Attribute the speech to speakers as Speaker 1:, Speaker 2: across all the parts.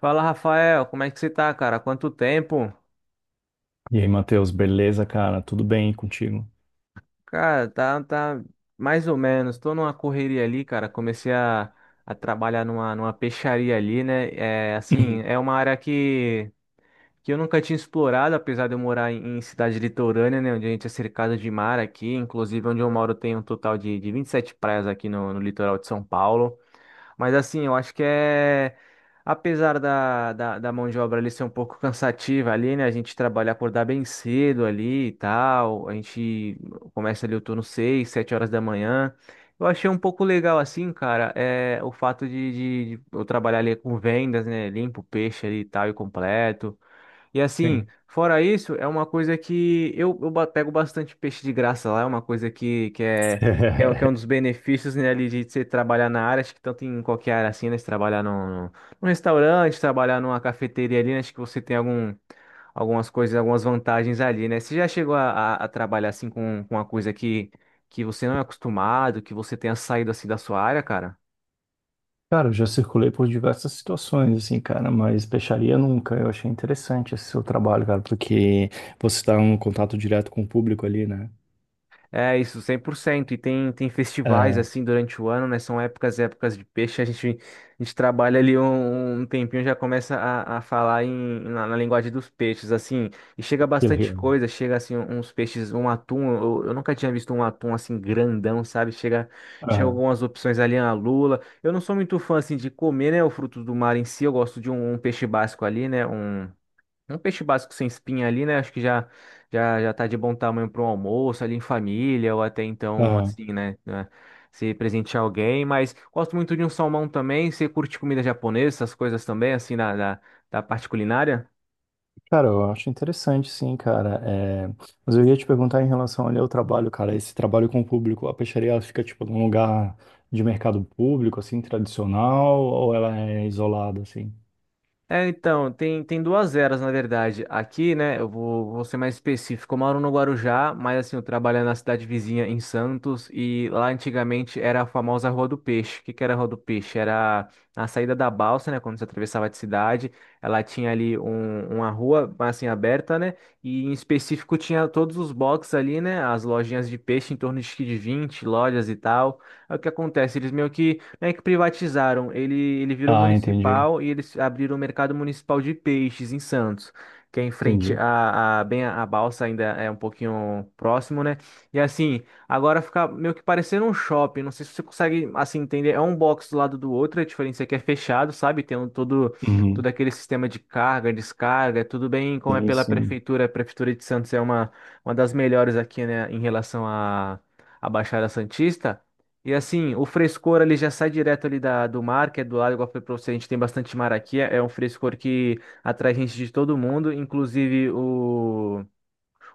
Speaker 1: Fala, Rafael, como é que você tá, cara? Quanto tempo?
Speaker 2: E aí, Matheus, beleza, cara? Tudo bem contigo?
Speaker 1: Cara, tá mais ou menos. Tô numa correria ali, cara. A trabalhar numa peixaria ali, né? É, assim,
Speaker 2: Uhum.
Speaker 1: é uma área que eu nunca tinha explorado, apesar de eu morar em cidade litorânea, né? Onde a gente é cercado de mar aqui. Inclusive, onde eu moro tem um total de 27 praias aqui no litoral de São Paulo. Mas assim, eu acho que é. Apesar da mão de obra ali ser um pouco cansativa ali, né? A gente trabalha, acordar bem cedo ali e tal. A gente começa ali o turno 6 7 horas da manhã. Eu achei um pouco legal assim, cara, é o fato de eu trabalhar ali com vendas, né? Limpo o peixe ali e tal e completo. E assim,
Speaker 2: Sim.
Speaker 1: fora isso, é uma coisa que pego bastante peixe de graça lá, é uma coisa que é um dos benefícios, né, ali de você trabalhar na área, acho que tanto em qualquer área assim, né, você trabalhar num num restaurante, trabalhar numa cafeteria ali, né, acho que você tem algumas coisas, algumas vantagens ali, né, você já chegou a trabalhar assim com uma coisa que você não é acostumado, que você tenha saído assim da sua área, cara?
Speaker 2: Cara, eu já circulei por diversas situações, assim, cara, mas peixaria nunca. Eu achei interessante esse seu trabalho, cara, porque você está em contato direto com o público ali, né?
Speaker 1: É isso, 100%. E tem festivais
Speaker 2: É,
Speaker 1: assim durante o ano, né? São épocas de peixe. A gente trabalha ali um tempinho, já começa a falar na linguagem dos peixes, assim. E chega
Speaker 2: que
Speaker 1: bastante
Speaker 2: legal.
Speaker 1: coisa, chega assim uns peixes, um atum. Eu nunca tinha visto um atum assim grandão, sabe? Chega
Speaker 2: Aham,
Speaker 1: algumas opções ali, a lula. Eu não sou muito fã assim de comer, né? O fruto do mar em si. Eu gosto de um peixe básico ali, né? Um peixe básico sem espinha ali, né? Acho que já tá de bom tamanho para um almoço ali em família ou até então
Speaker 2: aham.
Speaker 1: assim, né? Se presentear alguém, mas gosto muito de um salmão também. Você curte comida japonesa, essas coisas também, assim, da parte culinária?
Speaker 2: Cara, eu acho interessante, sim, cara. É. Mas eu ia te perguntar em relação ali ao trabalho, cara, esse trabalho com o público, a peixaria, ela fica, tipo, num lugar de mercado público, assim, tradicional, ou ela é isolada, assim?
Speaker 1: É, então, tem duas eras, na verdade. Aqui, né, eu vou ser mais específico. Eu moro no Guarujá, mas assim, eu trabalho na cidade vizinha, em Santos, e lá antigamente era a famosa Rua do Peixe. O que que era a Rua do Peixe? Era a saída da balsa, né, quando você atravessava de cidade. Ela tinha ali um, uma rua, assim, aberta, né, e em específico tinha todos os boxes ali, né, as lojinhas de peixe, em torno de, acho que de 20 lojas e tal. Aí o que acontece? Eles meio que privatizaram. Ele virou
Speaker 2: Ah, entendi.
Speaker 1: municipal e eles abriram o mercado municipal de peixes em Santos, que é em frente
Speaker 2: Entendi.
Speaker 1: bem a balsa ainda é um pouquinho próximo, né? E assim, agora fica meio que parecendo um shopping. Não sei se você consegue assim entender. É um box do lado do outro. A diferença é que é fechado, sabe? Tem um, todo
Speaker 2: Uhum.
Speaker 1: aquele sistema de carga, descarga. Tudo bem como é
Speaker 2: Sim,
Speaker 1: pela
Speaker 2: sim.
Speaker 1: prefeitura. A prefeitura de Santos é uma das melhores aqui, né? Em relação à Baixada Santista. E assim, o frescor ali já sai direto ali da, do mar, que é do lado, igual eu falei pra você, a gente tem bastante mar aqui é um frescor que atrai gente de todo mundo, inclusive o.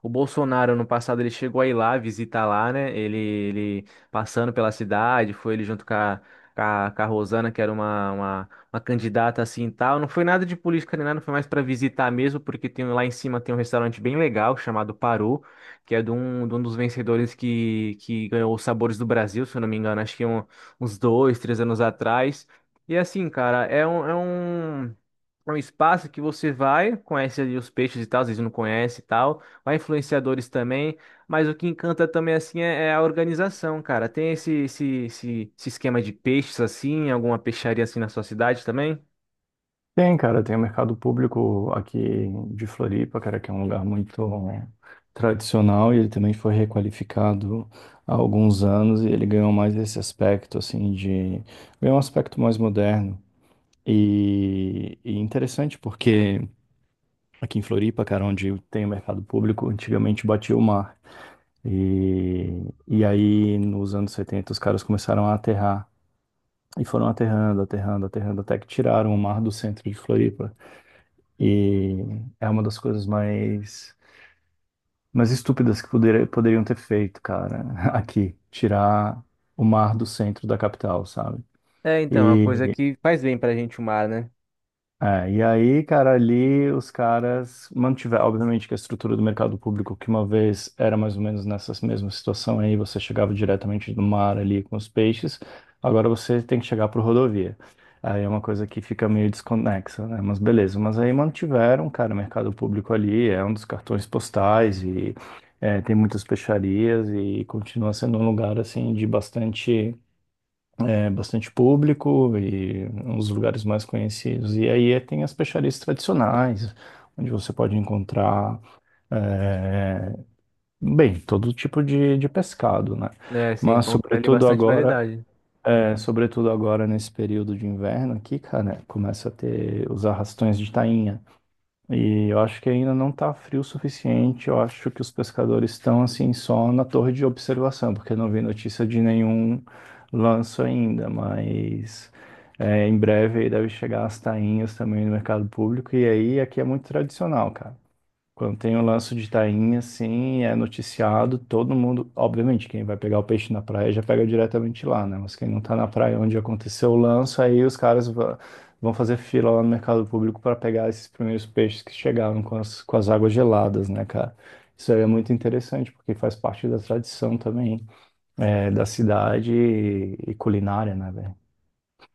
Speaker 1: O Bolsonaro, no passado, ele chegou a ir lá, visitar lá, né? Ele passando pela cidade, foi ele junto com a Rosana, que era uma candidata assim e tal. Não foi nada de política nem nada, foi mais para visitar mesmo, porque tem, lá em cima tem um restaurante bem legal chamado Parô, que é de de um dos vencedores que ganhou os Sabores do Brasil, se eu não me engano, acho que é uns dois, três anos atrás. E assim, cara, é é um espaço que você vai, conhece ali os peixes e tal, às vezes não conhece e tal. Vai influenciadores também, mas o que encanta também assim é a organização, cara. Tem esse esquema de peixes assim, alguma peixaria assim na sua cidade também?
Speaker 2: Tem, cara, tem o mercado público aqui de Floripa, cara, que é um lugar muito, né, tradicional, e ele também foi requalificado há alguns anos e ele ganhou mais esse aspecto, assim. Ganhou um aspecto mais moderno. E interessante porque aqui em Floripa, cara, onde tem o mercado público, antigamente batia o mar. E, e aí, nos anos 70 os caras começaram a aterrar. E foram aterrando, aterrando, aterrando, até que tiraram o mar do centro de Floripa. E é uma das coisas mais estúpidas que poderiam ter feito, cara, aqui. Tirar o mar do centro da capital, sabe?
Speaker 1: É, então, é uma coisa
Speaker 2: E
Speaker 1: que faz bem pra gente o mar, né?
Speaker 2: É, e aí, cara, ali os caras mantiveram, obviamente, que a estrutura do mercado público, que uma vez era mais ou menos nessa mesma situação aí, você chegava diretamente do mar ali com os peixes, agora você tem que chegar por rodovia. Aí é uma coisa que fica meio desconexa, né? Mas beleza, mas aí mantiveram, cara, o mercado público ali, é um dos cartões postais, e é, tem muitas peixarias e continua sendo um lugar, assim, de bastante bastante público e uns lugares mais conhecidos. E aí tem as peixarias tradicionais, onde você pode encontrar, eh, bem, todo tipo de pescado, né?
Speaker 1: É, você
Speaker 2: Mas
Speaker 1: encontra ali
Speaker 2: sobretudo
Speaker 1: bastante
Speaker 2: agora,
Speaker 1: variedade.
Speaker 2: sobretudo agora nesse período de inverno aqui, cara, começa a ter os arrastões de tainha. E eu acho que ainda não está frio o suficiente. Eu acho que os pescadores estão assim só na torre de observação, porque eu não vi notícia de nenhum lanço ainda, mas em breve aí deve chegar as tainhas também no mercado público. E aí aqui é muito tradicional, cara. Quando tem o lance de tainha, assim, é noticiado, todo mundo. Obviamente, quem vai pegar o peixe na praia já pega diretamente lá, né? Mas quem não tá na praia onde aconteceu o lance, aí os caras vão fazer fila lá no mercado público para pegar esses primeiros peixes que chegaram com as águas geladas, né, cara? Isso aí é muito interessante, porque faz parte da tradição também, da cidade e culinária, né, velho?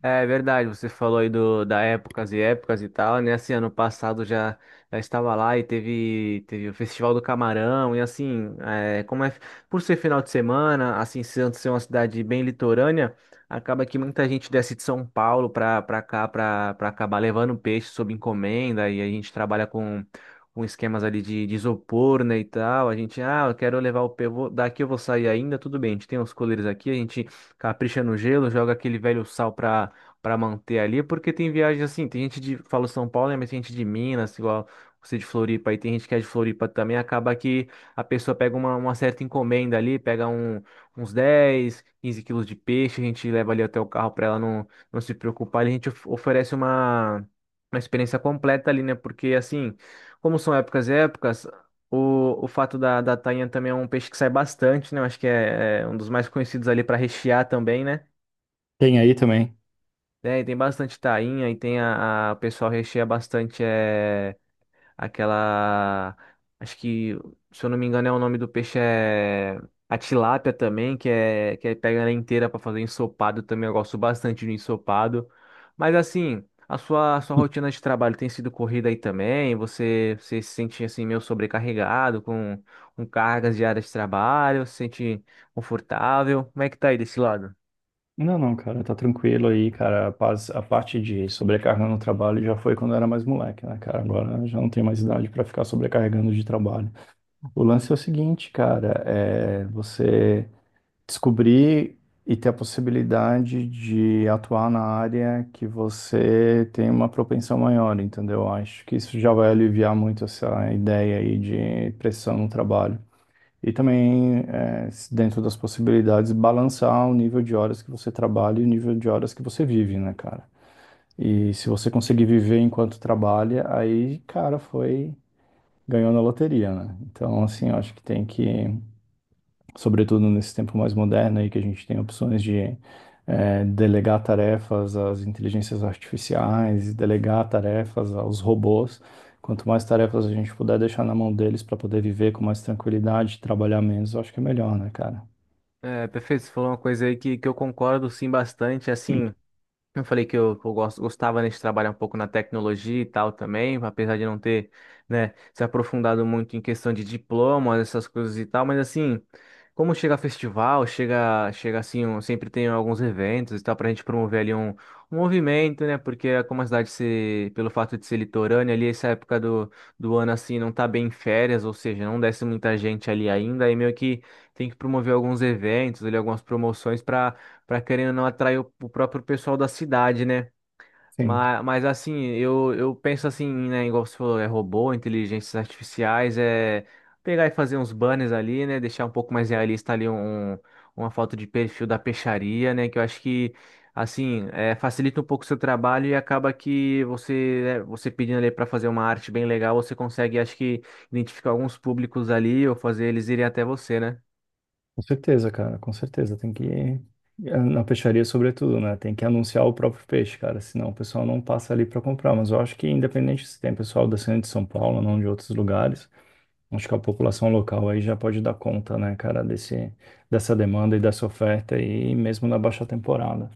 Speaker 1: É verdade, você falou aí da épocas e épocas e tal, né? Assim, ano passado já, já estava lá e teve o Festival do Camarão, e assim, é, como é, por ser final de semana, assim, sendo ser uma cidade bem litorânea, acaba que muita gente desce de São Paulo para cá, para acabar levando peixe sob encomenda, e a gente trabalha com esquemas ali de isopor, né, e tal. A gente, ah, eu quero levar o daqui eu vou sair ainda, tudo bem, a gente tem os coleiros aqui, a gente capricha no gelo, joga aquele velho sal para manter ali, porque tem viagem assim, tem gente de, falo São Paulo, né, mas tem gente de Minas, igual você de Floripa, e tem gente que é de Floripa também, acaba que a pessoa pega uma certa encomenda ali, pega uns 10, 15 quilos de peixe, a gente leva ali até o carro para ela não se preocupar, e a gente oferece uma experiência completa ali, né, porque assim, como são épocas e épocas, o fato da tainha também é um peixe que sai bastante, né, eu acho que é um dos mais conhecidos ali para rechear também, né,
Speaker 2: Tem aí também.
Speaker 1: é, e tem bastante tainha e tem o pessoal recheia bastante é, aquela. Acho que, se eu não me engano, é o nome do peixe é a tilápia também, que é que aí pega ela inteira para fazer ensopado também. Eu gosto bastante do ensopado. Mas assim, a sua rotina de trabalho tem sido corrida aí também? Você se sente assim meio sobrecarregado com cargas diárias de trabalho? Se sente confortável? Como é que tá aí desse lado?
Speaker 2: Não, não, cara, tá tranquilo aí, cara. A parte de sobrecarga no trabalho já foi quando eu era mais moleque, né, cara? Agora eu já não tenho mais idade pra ficar sobrecarregando de trabalho. O lance é o seguinte, cara, é você descobrir e ter a possibilidade de atuar na área que você tem uma propensão maior, entendeu? Acho que isso já vai aliviar muito essa ideia aí de pressão no trabalho. E também, é, se dentro das possibilidades, balançar o nível de horas que você trabalha e o nível de horas que você vive, né, cara? E se você conseguir viver enquanto trabalha, aí, cara, foi, ganhou na loteria, né? Então, assim, eu acho que tem que sobretudo nesse tempo mais moderno aí que a gente tem opções de delegar tarefas às inteligências artificiais, e delegar tarefas aos robôs. Quanto mais tarefas a gente puder deixar na mão deles para poder viver com mais tranquilidade, trabalhar menos, eu acho que é melhor, né, cara?
Speaker 1: É, perfeito, você falou uma coisa aí que eu concordo sim bastante, assim, eu falei que que eu gosto, gostava, né, de trabalhar um pouco na tecnologia e tal também, apesar de não ter, né, se aprofundado muito em questão de diplomas, essas coisas e tal, mas assim, como chega festival, chega assim, sempre tem alguns eventos e tal, pra gente promover ali um movimento, né, porque é como a cidade ser, pelo fato de ser litorânea ali, essa época do ano assim, não tá bem em férias, ou seja, não desce muita gente ali ainda, e meio que tem que promover alguns eventos ali, algumas promoções para querendo ou não atrair o próprio pessoal da cidade, né?
Speaker 2: Sim,
Speaker 1: Mas assim, eu penso assim, né? Igual você falou, é robô, inteligências artificiais, é pegar e fazer uns banners ali, né? Deixar um pouco mais realista ali uma foto de perfil da peixaria, né? Que eu acho que, assim, é, facilita um pouco o seu trabalho e acaba que você, né, você pedindo ali para fazer uma arte bem legal, você consegue, acho que, identificar alguns públicos ali ou fazer eles irem até você, né?
Speaker 2: com certeza, cara, com certeza. Tem que na peixaria, sobretudo, né? Tem que anunciar o próprio peixe, cara, senão o pessoal não passa ali para comprar. Mas eu acho que, independente se tem pessoal descendo de São Paulo ou não de outros lugares, acho que a população local aí já pode dar conta, né, cara, dessa demanda e dessa oferta aí, mesmo na baixa temporada.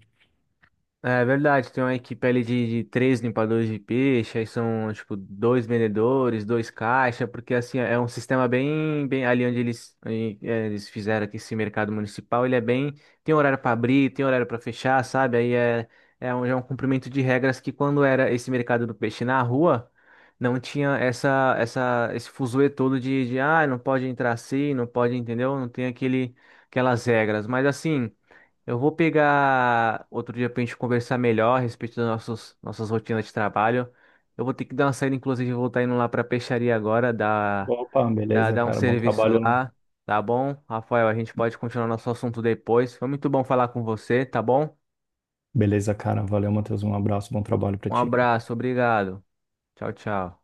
Speaker 1: É verdade, tem uma equipe ali de três limpadores de peixe, aí são, tipo, dois vendedores, dois caixa, porque, assim, é um sistema bem ali onde eles, aí, é, eles fizeram aqui esse mercado municipal, ele é bem, tem horário para abrir, tem horário para fechar, sabe? Aí é, é é um cumprimento de regras que quando era esse mercado do peixe na rua, não tinha esse fuzuê todo ah, não pode entrar assim, não pode, entendeu? Não tem aquele, aquelas regras, mas, assim... Eu vou pegar outro dia pra gente conversar melhor a respeito das nossas rotinas de trabalho. Eu vou ter que dar uma saída, inclusive, eu vou estar indo lá pra peixaria agora,
Speaker 2: Opa, beleza,
Speaker 1: dar um
Speaker 2: cara. Bom
Speaker 1: serviço
Speaker 2: trabalho lá.
Speaker 1: lá, tá bom? Rafael, a gente pode continuar nosso assunto depois. Foi muito bom falar com você, tá bom?
Speaker 2: Beleza, cara. Valeu, Matheus. Um abraço. Bom trabalho pra
Speaker 1: Um
Speaker 2: ti, cara.
Speaker 1: abraço, obrigado. Tchau, tchau.